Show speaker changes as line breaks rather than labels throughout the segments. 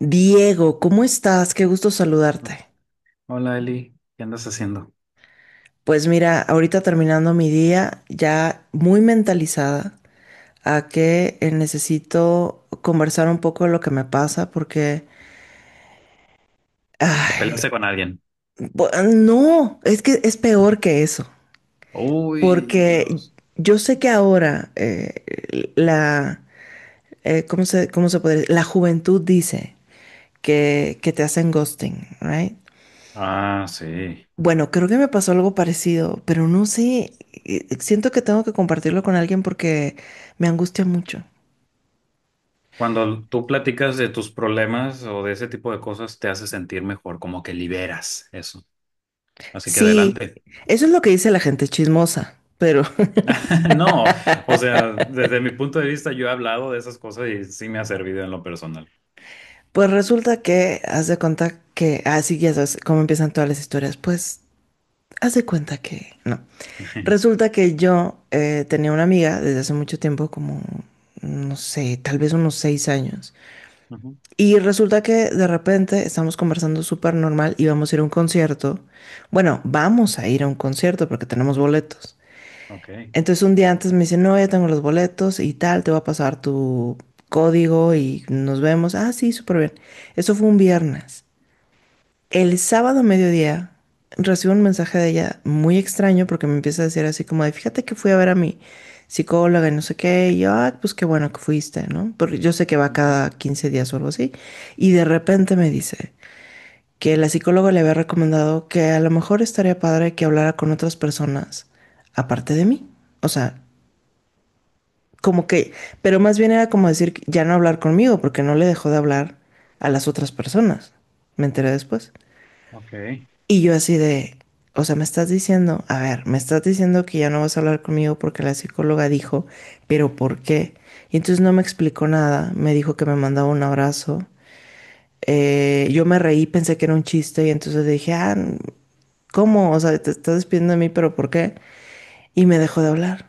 Diego, ¿cómo estás? Qué gusto saludarte.
Hola Eli, ¿qué andas haciendo?
Pues mira, ahorita terminando mi día, ya muy mentalizada a que necesito conversar un poco de lo que me pasa porque,
¿Te
ay,
peleaste con alguien?
no, es que es peor que eso,
Uy,
porque
Dios.
yo sé que ahora la, ¿cómo se puede decir? La juventud dice que te hacen ghosting, ¿right?
Ah, sí.
Bueno, creo que me pasó algo parecido, pero no sé, siento que tengo que compartirlo con alguien porque me angustia mucho.
Cuando tú platicas de tus problemas o de ese tipo de cosas, te hace sentir mejor, como que liberas eso. Así que
Sí,
adelante.
eso es lo que dice la gente chismosa, pero
No, o sea, desde mi punto de vista, yo he hablado de esas cosas y sí me ha servido en lo personal.
pues resulta que haz de cuenta que, así ya sabes cómo empiezan todas las historias, pues haz de cuenta que no. Resulta que yo tenía una amiga desde hace mucho tiempo, como, no sé, tal vez unos 6 años.
Ujú.
Y resulta que de repente estamos conversando súper normal y vamos a ir a un concierto. Bueno, vamos a ir a un concierto porque tenemos boletos.
Ok.
Entonces un día antes me dice, no, ya tengo los boletos y tal, te voy a pasar tu código y nos vemos. Ah, sí, súper bien. Eso fue un viernes. El sábado a mediodía recibo un mensaje de ella muy extraño porque me empieza a decir así como de, fíjate que fui a ver a mi psicóloga y no sé qué, y yo, "Ah, pues qué bueno que fuiste, ¿no? Porque yo sé que va
Ujú,
cada 15 días o algo así, y de repente me dice que la psicóloga le había recomendado que a lo mejor estaría padre que hablara con otras personas aparte de mí, o sea, como que, pero más bien era como decir, ya no hablar conmigo porque no le dejó de hablar a las otras personas, me enteré después.
Ok.
Y yo así de, o sea, me estás diciendo, a ver, me estás diciendo que ya no vas a hablar conmigo porque la psicóloga dijo, pero ¿por qué? Y entonces no me explicó nada, me dijo que me mandaba un abrazo. Yo me reí, pensé que era un chiste y entonces dije, ah, ¿cómo? O sea, te estás despidiendo de mí, pero ¿por qué? Y me dejó de hablar,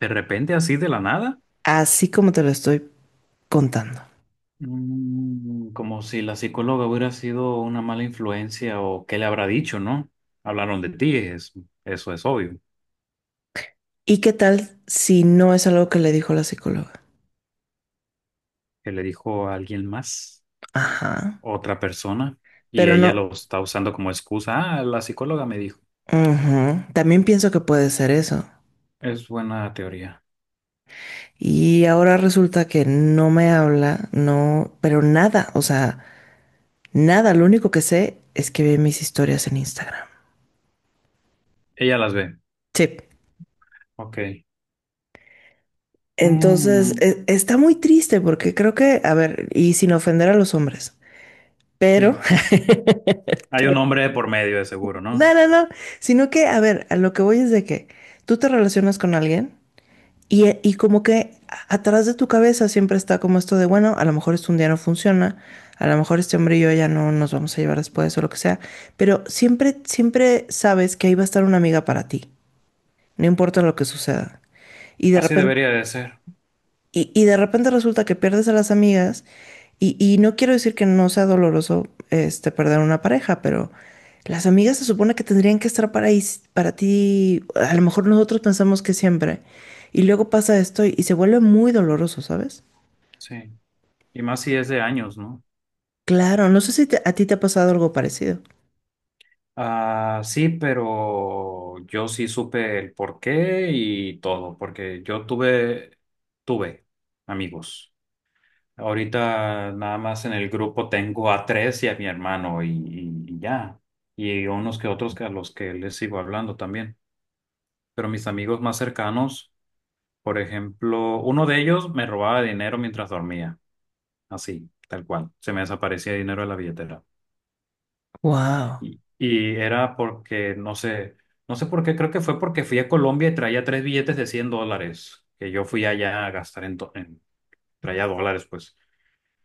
¿De repente así de la nada?
así como te lo estoy contando.
Mm, como si la psicóloga hubiera sido una mala influencia o qué le habrá dicho, ¿no? Hablaron de ti, eso es obvio.
¿Y qué tal si no es algo que le dijo la psicóloga?
Que le dijo a alguien más,
Ajá,
otra persona, y
pero
ella
no.
lo está usando como excusa. Ah, la psicóloga me dijo.
Ujú, también pienso que puede ser eso.
Es buena teoría.
Y ahora resulta que no me habla, no, pero nada, o sea, nada, lo único que sé es que ve mis historias en Instagram.
Ella las ve.
Sí.
Ok.
Entonces,
Mm,
está muy triste porque creo que, a ver, y sin ofender a los hombres, pero,
sí. Hay un hombre por medio de seguro, ¿no?
no, no, no, sino que, a ver, a lo que voy es de que tú te relacionas con alguien. Y como que atrás de tu cabeza siempre está como esto de, bueno, a lo mejor este un día no funciona, a lo mejor este hombre y yo ya no nos vamos a llevar después o lo que sea, pero siempre, siempre sabes que ahí va a estar una amiga para ti, no importa lo que suceda. Y de
Así
repente
debería de ser.
y de repente resulta que pierdes a las amigas y no quiero decir que no sea doloroso este, perder una pareja, pero las amigas se supone que tendrían que estar para, para ti, a lo mejor nosotros pensamos que siempre, y luego pasa esto y se vuelve muy doloroso, ¿sabes?
Sí. Y más si es de años, ¿no?
Claro, no sé si a ti te ha pasado algo parecido.
Ah, sí, pero yo sí supe el porqué y todo, porque yo tuve amigos. Ahorita nada más en el grupo tengo a tres y a mi hermano y ya. Y unos que otros que a los que les sigo hablando también. Pero mis amigos más cercanos, por ejemplo, uno de ellos me robaba dinero mientras dormía, así, tal cual. Se me desaparecía dinero de la billetera.
Wow.
Y era porque, no sé por qué, creo que fue porque fui a Colombia y traía tres billetes de $100, que yo fui allá a gastar traía dólares, pues,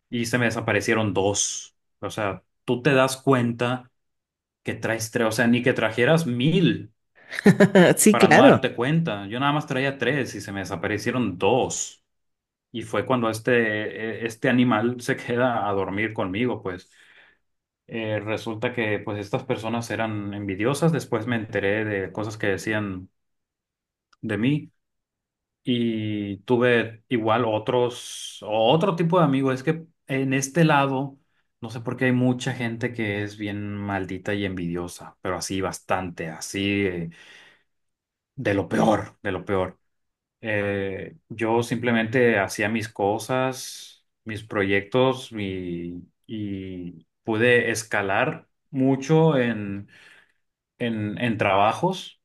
y se me desaparecieron dos. O sea, tú te das cuenta que traes tres, o sea, ni que trajeras mil
Sí,
para no
claro.
darte cuenta. Yo nada más traía tres y se me desaparecieron dos. Y fue cuando este animal se queda a dormir conmigo, pues. Resulta que pues estas personas eran envidiosas, después me enteré de cosas que decían de mí y tuve igual otro tipo de amigos. Es que en este lado, no sé por qué hay mucha gente que es bien maldita y envidiosa, pero así bastante, así, de lo peor, de lo peor. Yo simplemente hacía mis cosas, mis proyectos y pude escalar mucho en en trabajos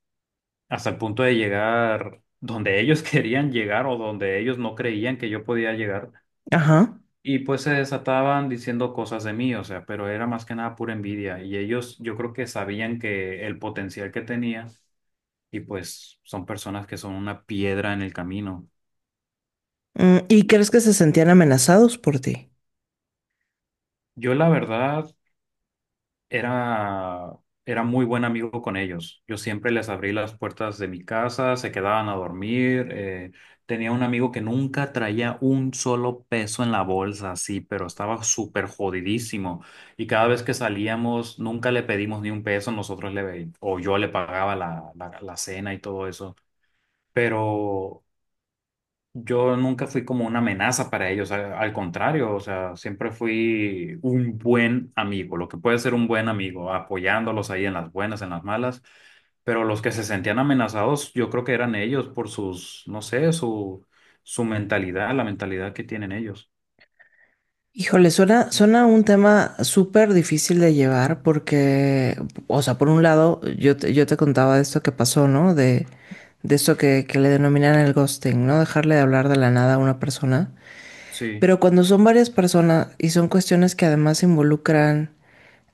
hasta el punto de llegar donde ellos querían llegar o donde ellos no creían que yo podía llegar.
Ajá.
Y pues se desataban diciendo cosas de mí, o sea, pero era más que nada pura envidia. Y ellos yo creo que sabían que el potencial que tenía y pues son personas que son una piedra en el camino.
Mm, ¿y crees que se sentían amenazados por ti?
Yo la verdad era, era muy buen amigo con ellos. Yo siempre les abrí las puertas de mi casa, se quedaban a dormir. Tenía un amigo que nunca traía un solo peso en la bolsa, así, pero estaba súper jodidísimo. Y cada vez que salíamos, nunca le pedimos ni un peso, o yo le pagaba la cena y todo eso. Pero yo nunca fui como una amenaza para ellos, al contrario, o sea, siempre fui un buen amigo, lo que puede ser un buen amigo, apoyándolos ahí en las buenas, en las malas, pero los que se sentían amenazados, yo creo que eran ellos por sus, no sé, su mentalidad, la mentalidad que tienen ellos.
Híjole, suena un tema súper difícil de llevar porque, o sea, por un lado, yo te contaba de esto que pasó, ¿no? De esto que le denominan el ghosting, ¿no? Dejarle de hablar de la nada a una persona.
Sí,
Pero cuando son varias personas y son cuestiones que además involucran,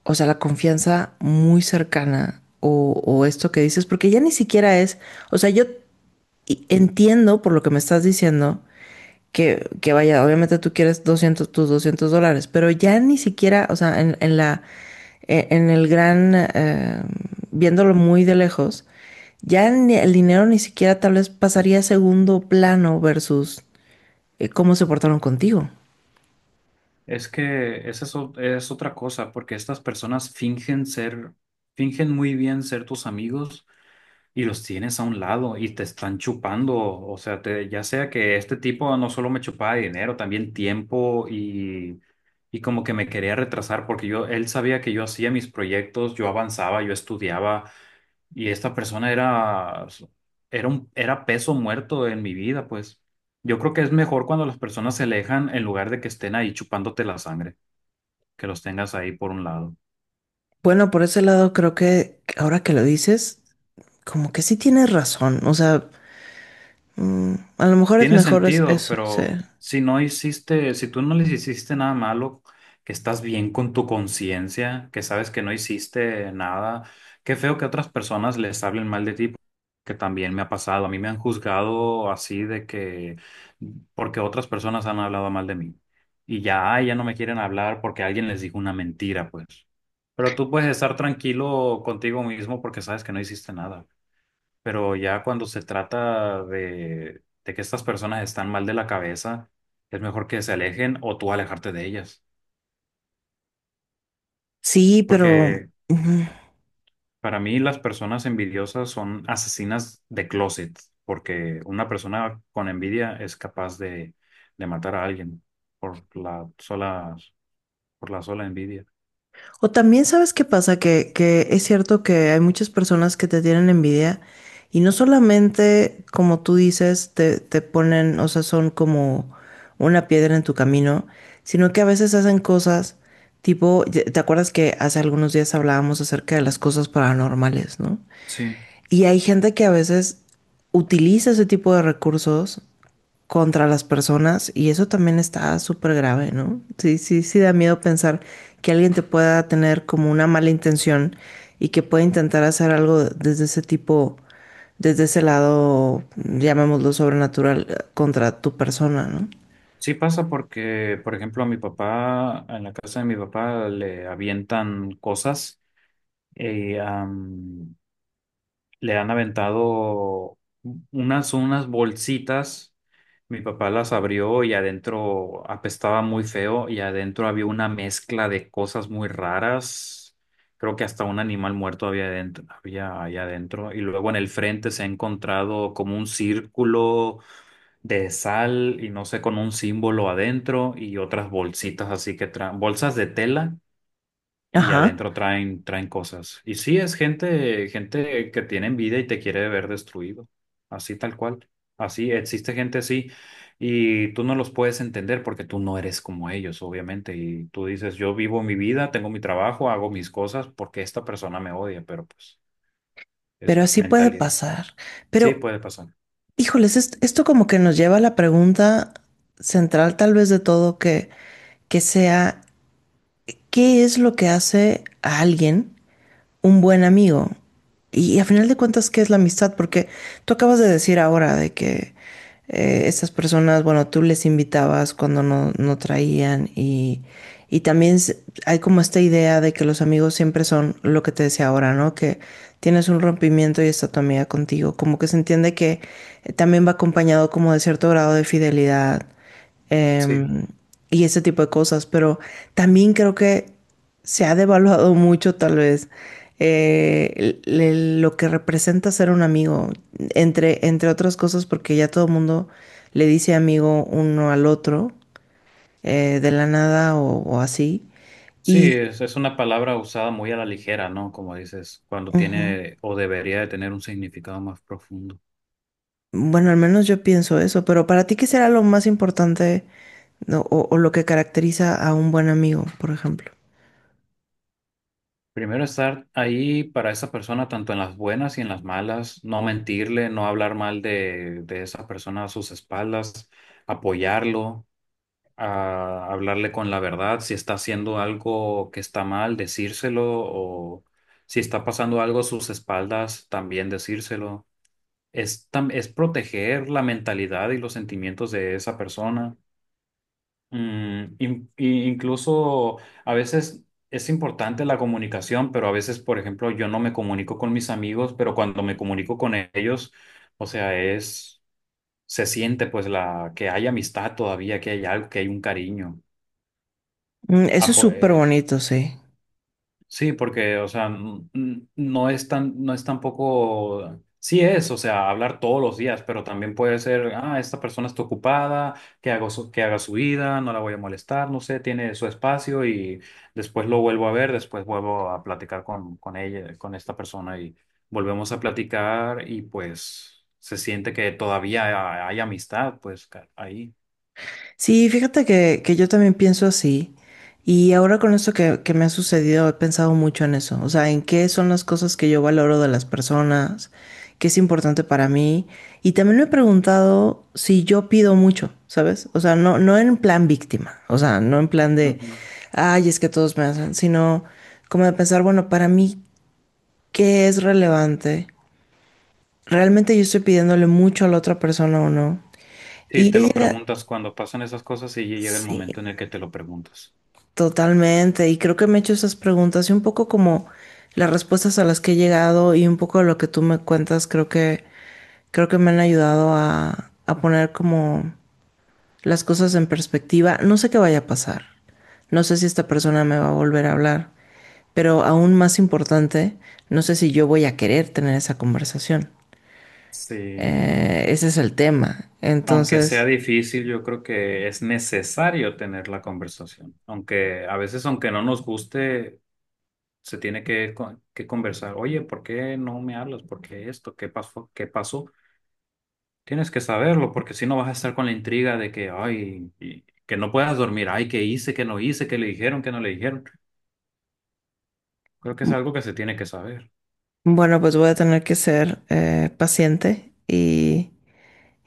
o sea, la confianza muy cercana o esto que dices, porque ya ni siquiera es, o sea, yo entiendo por lo que me estás diciendo que vaya, obviamente tú quieres 200 tus $200, pero ya ni siquiera, o sea, en la, en el gran, viéndolo muy de lejos, el dinero ni siquiera tal vez pasaría a segundo plano versus cómo se portaron contigo.
es que esa es otra cosa, porque estas personas fingen muy bien ser tus amigos y los tienes a un lado y te están chupando, o sea, ya sea que este tipo no solo me chupaba dinero, también tiempo y como que me quería retrasar porque él sabía que yo hacía mis proyectos, yo avanzaba, yo estudiaba y esta persona era peso muerto en mi vida, pues. Yo creo que es mejor cuando las personas se alejan en lugar de que estén ahí chupándote la sangre, que los tengas ahí por un lado.
Bueno, por ese lado creo que ahora que lo dices, como que sí tienes razón, o sea, mm, a lo
Tiene
mejor es
sentido,
eso, sí,
pero si no hiciste, si tú no les hiciste nada malo, que estás bien con tu conciencia, que sabes que no hiciste nada, qué feo que otras personas les hablen mal de ti, que también me ha pasado. A mí me han juzgado así de que, porque otras personas han hablado mal de mí. Y ya, ay, ya no me quieren hablar porque alguien les dijo una mentira, pues. Pero tú puedes estar tranquilo contigo mismo porque sabes que no hiciste nada. Pero ya cuando se trata de que estas personas están mal de la cabeza, es mejor que se alejen o tú alejarte de ellas.
sí, pero...
Porque
Ujú.
para mí las personas envidiosas son asesinas de closet, porque una persona con envidia es capaz de matar a alguien por la sola, por la sola envidia.
O también sabes qué pasa, que es cierto que hay muchas personas que te tienen envidia y no solamente, como tú dices, te ponen, o sea, son como una piedra en tu camino, sino que a veces hacen cosas tipo, ¿te acuerdas que hace algunos días hablábamos acerca de las cosas paranormales, ¿no?
Sí.
Y hay gente que a veces utiliza ese tipo de recursos contra las personas y eso también está súper grave, ¿no? Sí, sí, sí da miedo pensar que alguien te pueda tener como una mala intención y que pueda intentar hacer algo desde ese tipo, desde ese lado, llamémoslo sobrenatural, contra tu persona, ¿no?
Sí pasa porque, por ejemplo, a mi papá, en la casa de mi papá le avientan cosas. Y le han aventado unas bolsitas. Mi papá las abrió y adentro apestaba muy feo y adentro había una mezcla de cosas muy raras. Creo que hasta un animal muerto había adentro, había ahí adentro. Y luego en el frente se ha encontrado como un círculo de sal y no sé, con un símbolo adentro y otras bolsitas así que traen, bolsas de tela y
Ajá,
adentro traen cosas. Y sí, es gente que tiene envidia y te quiere ver destruido, así tal cual. Así existe gente así y tú no los puedes entender porque tú no eres como ellos, obviamente. Y tú dices, yo vivo mi vida, tengo mi trabajo, hago mis cosas porque esta persona me odia, pero pues es
pero así puede
mentalidad.
pasar.
Sí,
Pero,
puede pasar.
híjoles, esto como que nos lleva a la pregunta central tal vez de todo que sea, ¿qué es lo que hace a alguien un buen amigo? Y, a final de cuentas, ¿qué es la amistad? Porque tú acabas de decir ahora de que estas personas, bueno, tú les invitabas cuando no, no traían y también hay como esta idea de que los amigos siempre son lo que te decía ahora, ¿no? Que tienes un rompimiento y está tu amiga contigo. Como que se entiende que también va acompañado como de cierto grado de fidelidad
Sí.
eh, y ese tipo de cosas. Pero también creo que se ha devaluado mucho tal vez lo que representa ser un amigo, entre otras cosas, porque ya todo el mundo le dice amigo uno al otro, de la nada o, o así.
Sí,
Y
es una palabra usada muy a la ligera, ¿no? Como dices, cuando
ujú,
tiene o debería de tener un significado más profundo.
bueno, al menos yo pienso eso, pero para ti, ¿qué será lo más importante no, o lo que caracteriza a un buen amigo, por ejemplo?
Primero estar ahí para esa persona, tanto en las buenas y en las malas, no mentirle, no hablar mal de esa persona a sus espaldas, apoyarlo, a hablarle con la verdad, si está haciendo algo que está mal, decírselo, o si está pasando algo a sus espaldas, también decírselo. Es proteger la mentalidad y los sentimientos de esa persona. Mm, incluso a veces es importante la comunicación, pero a veces, por ejemplo, yo no me comunico con mis amigos, pero cuando me comunico con ellos, o sea, se siente pues la que hay amistad todavía, que hay algo, que hay un cariño.
Mm, eso
Ah,
es súper
pues.
bonito, sí.
Sí, porque, o sea, no es tan, no es tampoco, sí es, o sea, hablar todos los días, pero también puede ser, ah, esta persona está ocupada, que hago que haga su vida, no la voy a molestar, no sé, tiene su espacio y después lo vuelvo a ver, después vuelvo a platicar con, ella, con esta persona y volvemos a platicar y pues se siente que todavía hay amistad, pues ahí.
Sí, fíjate que yo también pienso así. Y ahora con esto que me ha sucedido, he pensado mucho en eso. O sea, en qué son las cosas que yo valoro de las personas, qué es importante para mí. Y también me he preguntado si yo pido mucho, ¿sabes? O sea, no, no en plan víctima. O sea, no en plan de,
Ujú.
ay, es que todos me hacen, sino como de pensar, bueno, para mí, ¿qué es relevante? ¿Realmente yo estoy pidiéndole mucho a la otra persona o no?
Sí,
Y
te lo
ella,
preguntas cuando pasan esas cosas y llega el
sí.
momento en el que te lo preguntas.
Totalmente, y creo que me he hecho esas preguntas y un poco como las respuestas a las que he llegado y un poco de lo que tú me cuentas, creo que me han ayudado a poner como las cosas en perspectiva. No sé qué vaya a pasar, no sé si esta persona me va a volver a hablar, pero aún más importante, no sé si yo voy a querer tener esa conversación.
Sí.
Ese es el tema.
Aunque sea
Entonces,
difícil, yo creo que es necesario tener la conversación. Aunque a veces, aunque no nos guste, se tiene que, que conversar. Oye, ¿por qué no me hablas? ¿Por qué esto? ¿Qué pasó? ¿Qué pasó? Tienes que saberlo, porque si no vas a estar con la intriga de que, ay, que no puedas dormir. Ay, ¿qué hice? ¿Qué no hice? ¿Qué le dijeron? ¿Qué no le dijeron? Creo que es
m-
algo que se tiene que saber.
bueno, pues voy a tener que ser paciente y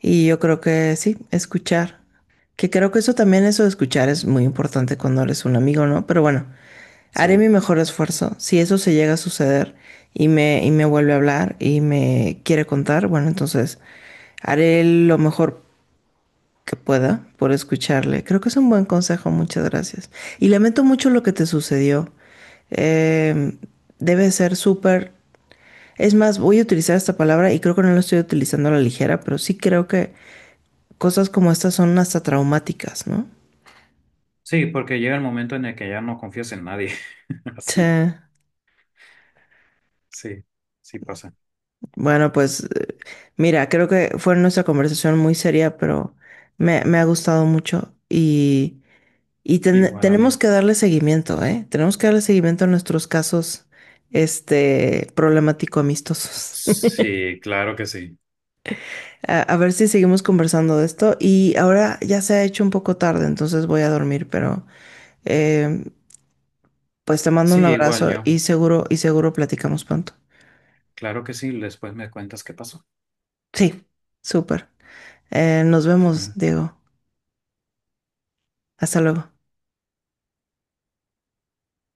Y yo creo que sí, escuchar. Que creo que eso también, eso de escuchar es muy importante cuando eres un amigo, ¿no? Pero bueno, haré mi
Sí.
mejor esfuerzo. Si eso se llega a suceder y me vuelve a hablar y me quiere contar, bueno, entonces haré lo mejor que pueda por escucharle. Creo que es un buen consejo, muchas gracias. Y lamento mucho lo que te sucedió. Eh, debe ser súper... Es más, voy a utilizar esta palabra y creo que no la estoy utilizando a la ligera, pero sí creo que cosas como estas son hasta traumáticas, ¿no?
Sí, porque llega el momento en el que ya no confías en nadie.
Sí.
Así. Sí, sí pasa.
Bueno, pues mira, creo que fue nuestra conversación muy seria, pero me ha gustado mucho y,
Igual a mí.
tenemos que darle seguimiento, ¿eh? Tenemos que darle seguimiento a nuestros casos, este, problemático amistosos.
Sí, claro que sí.
A ver si seguimos conversando de esto y ahora ya se ha hecho un poco tarde, entonces voy a dormir, pero eh, pues te mando
Sí,
un
igual
abrazo
yo.
y seguro platicamos pronto.
Claro que sí. Después me cuentas qué pasó.
Sí, súper. Nos vemos, Diego. Hasta luego.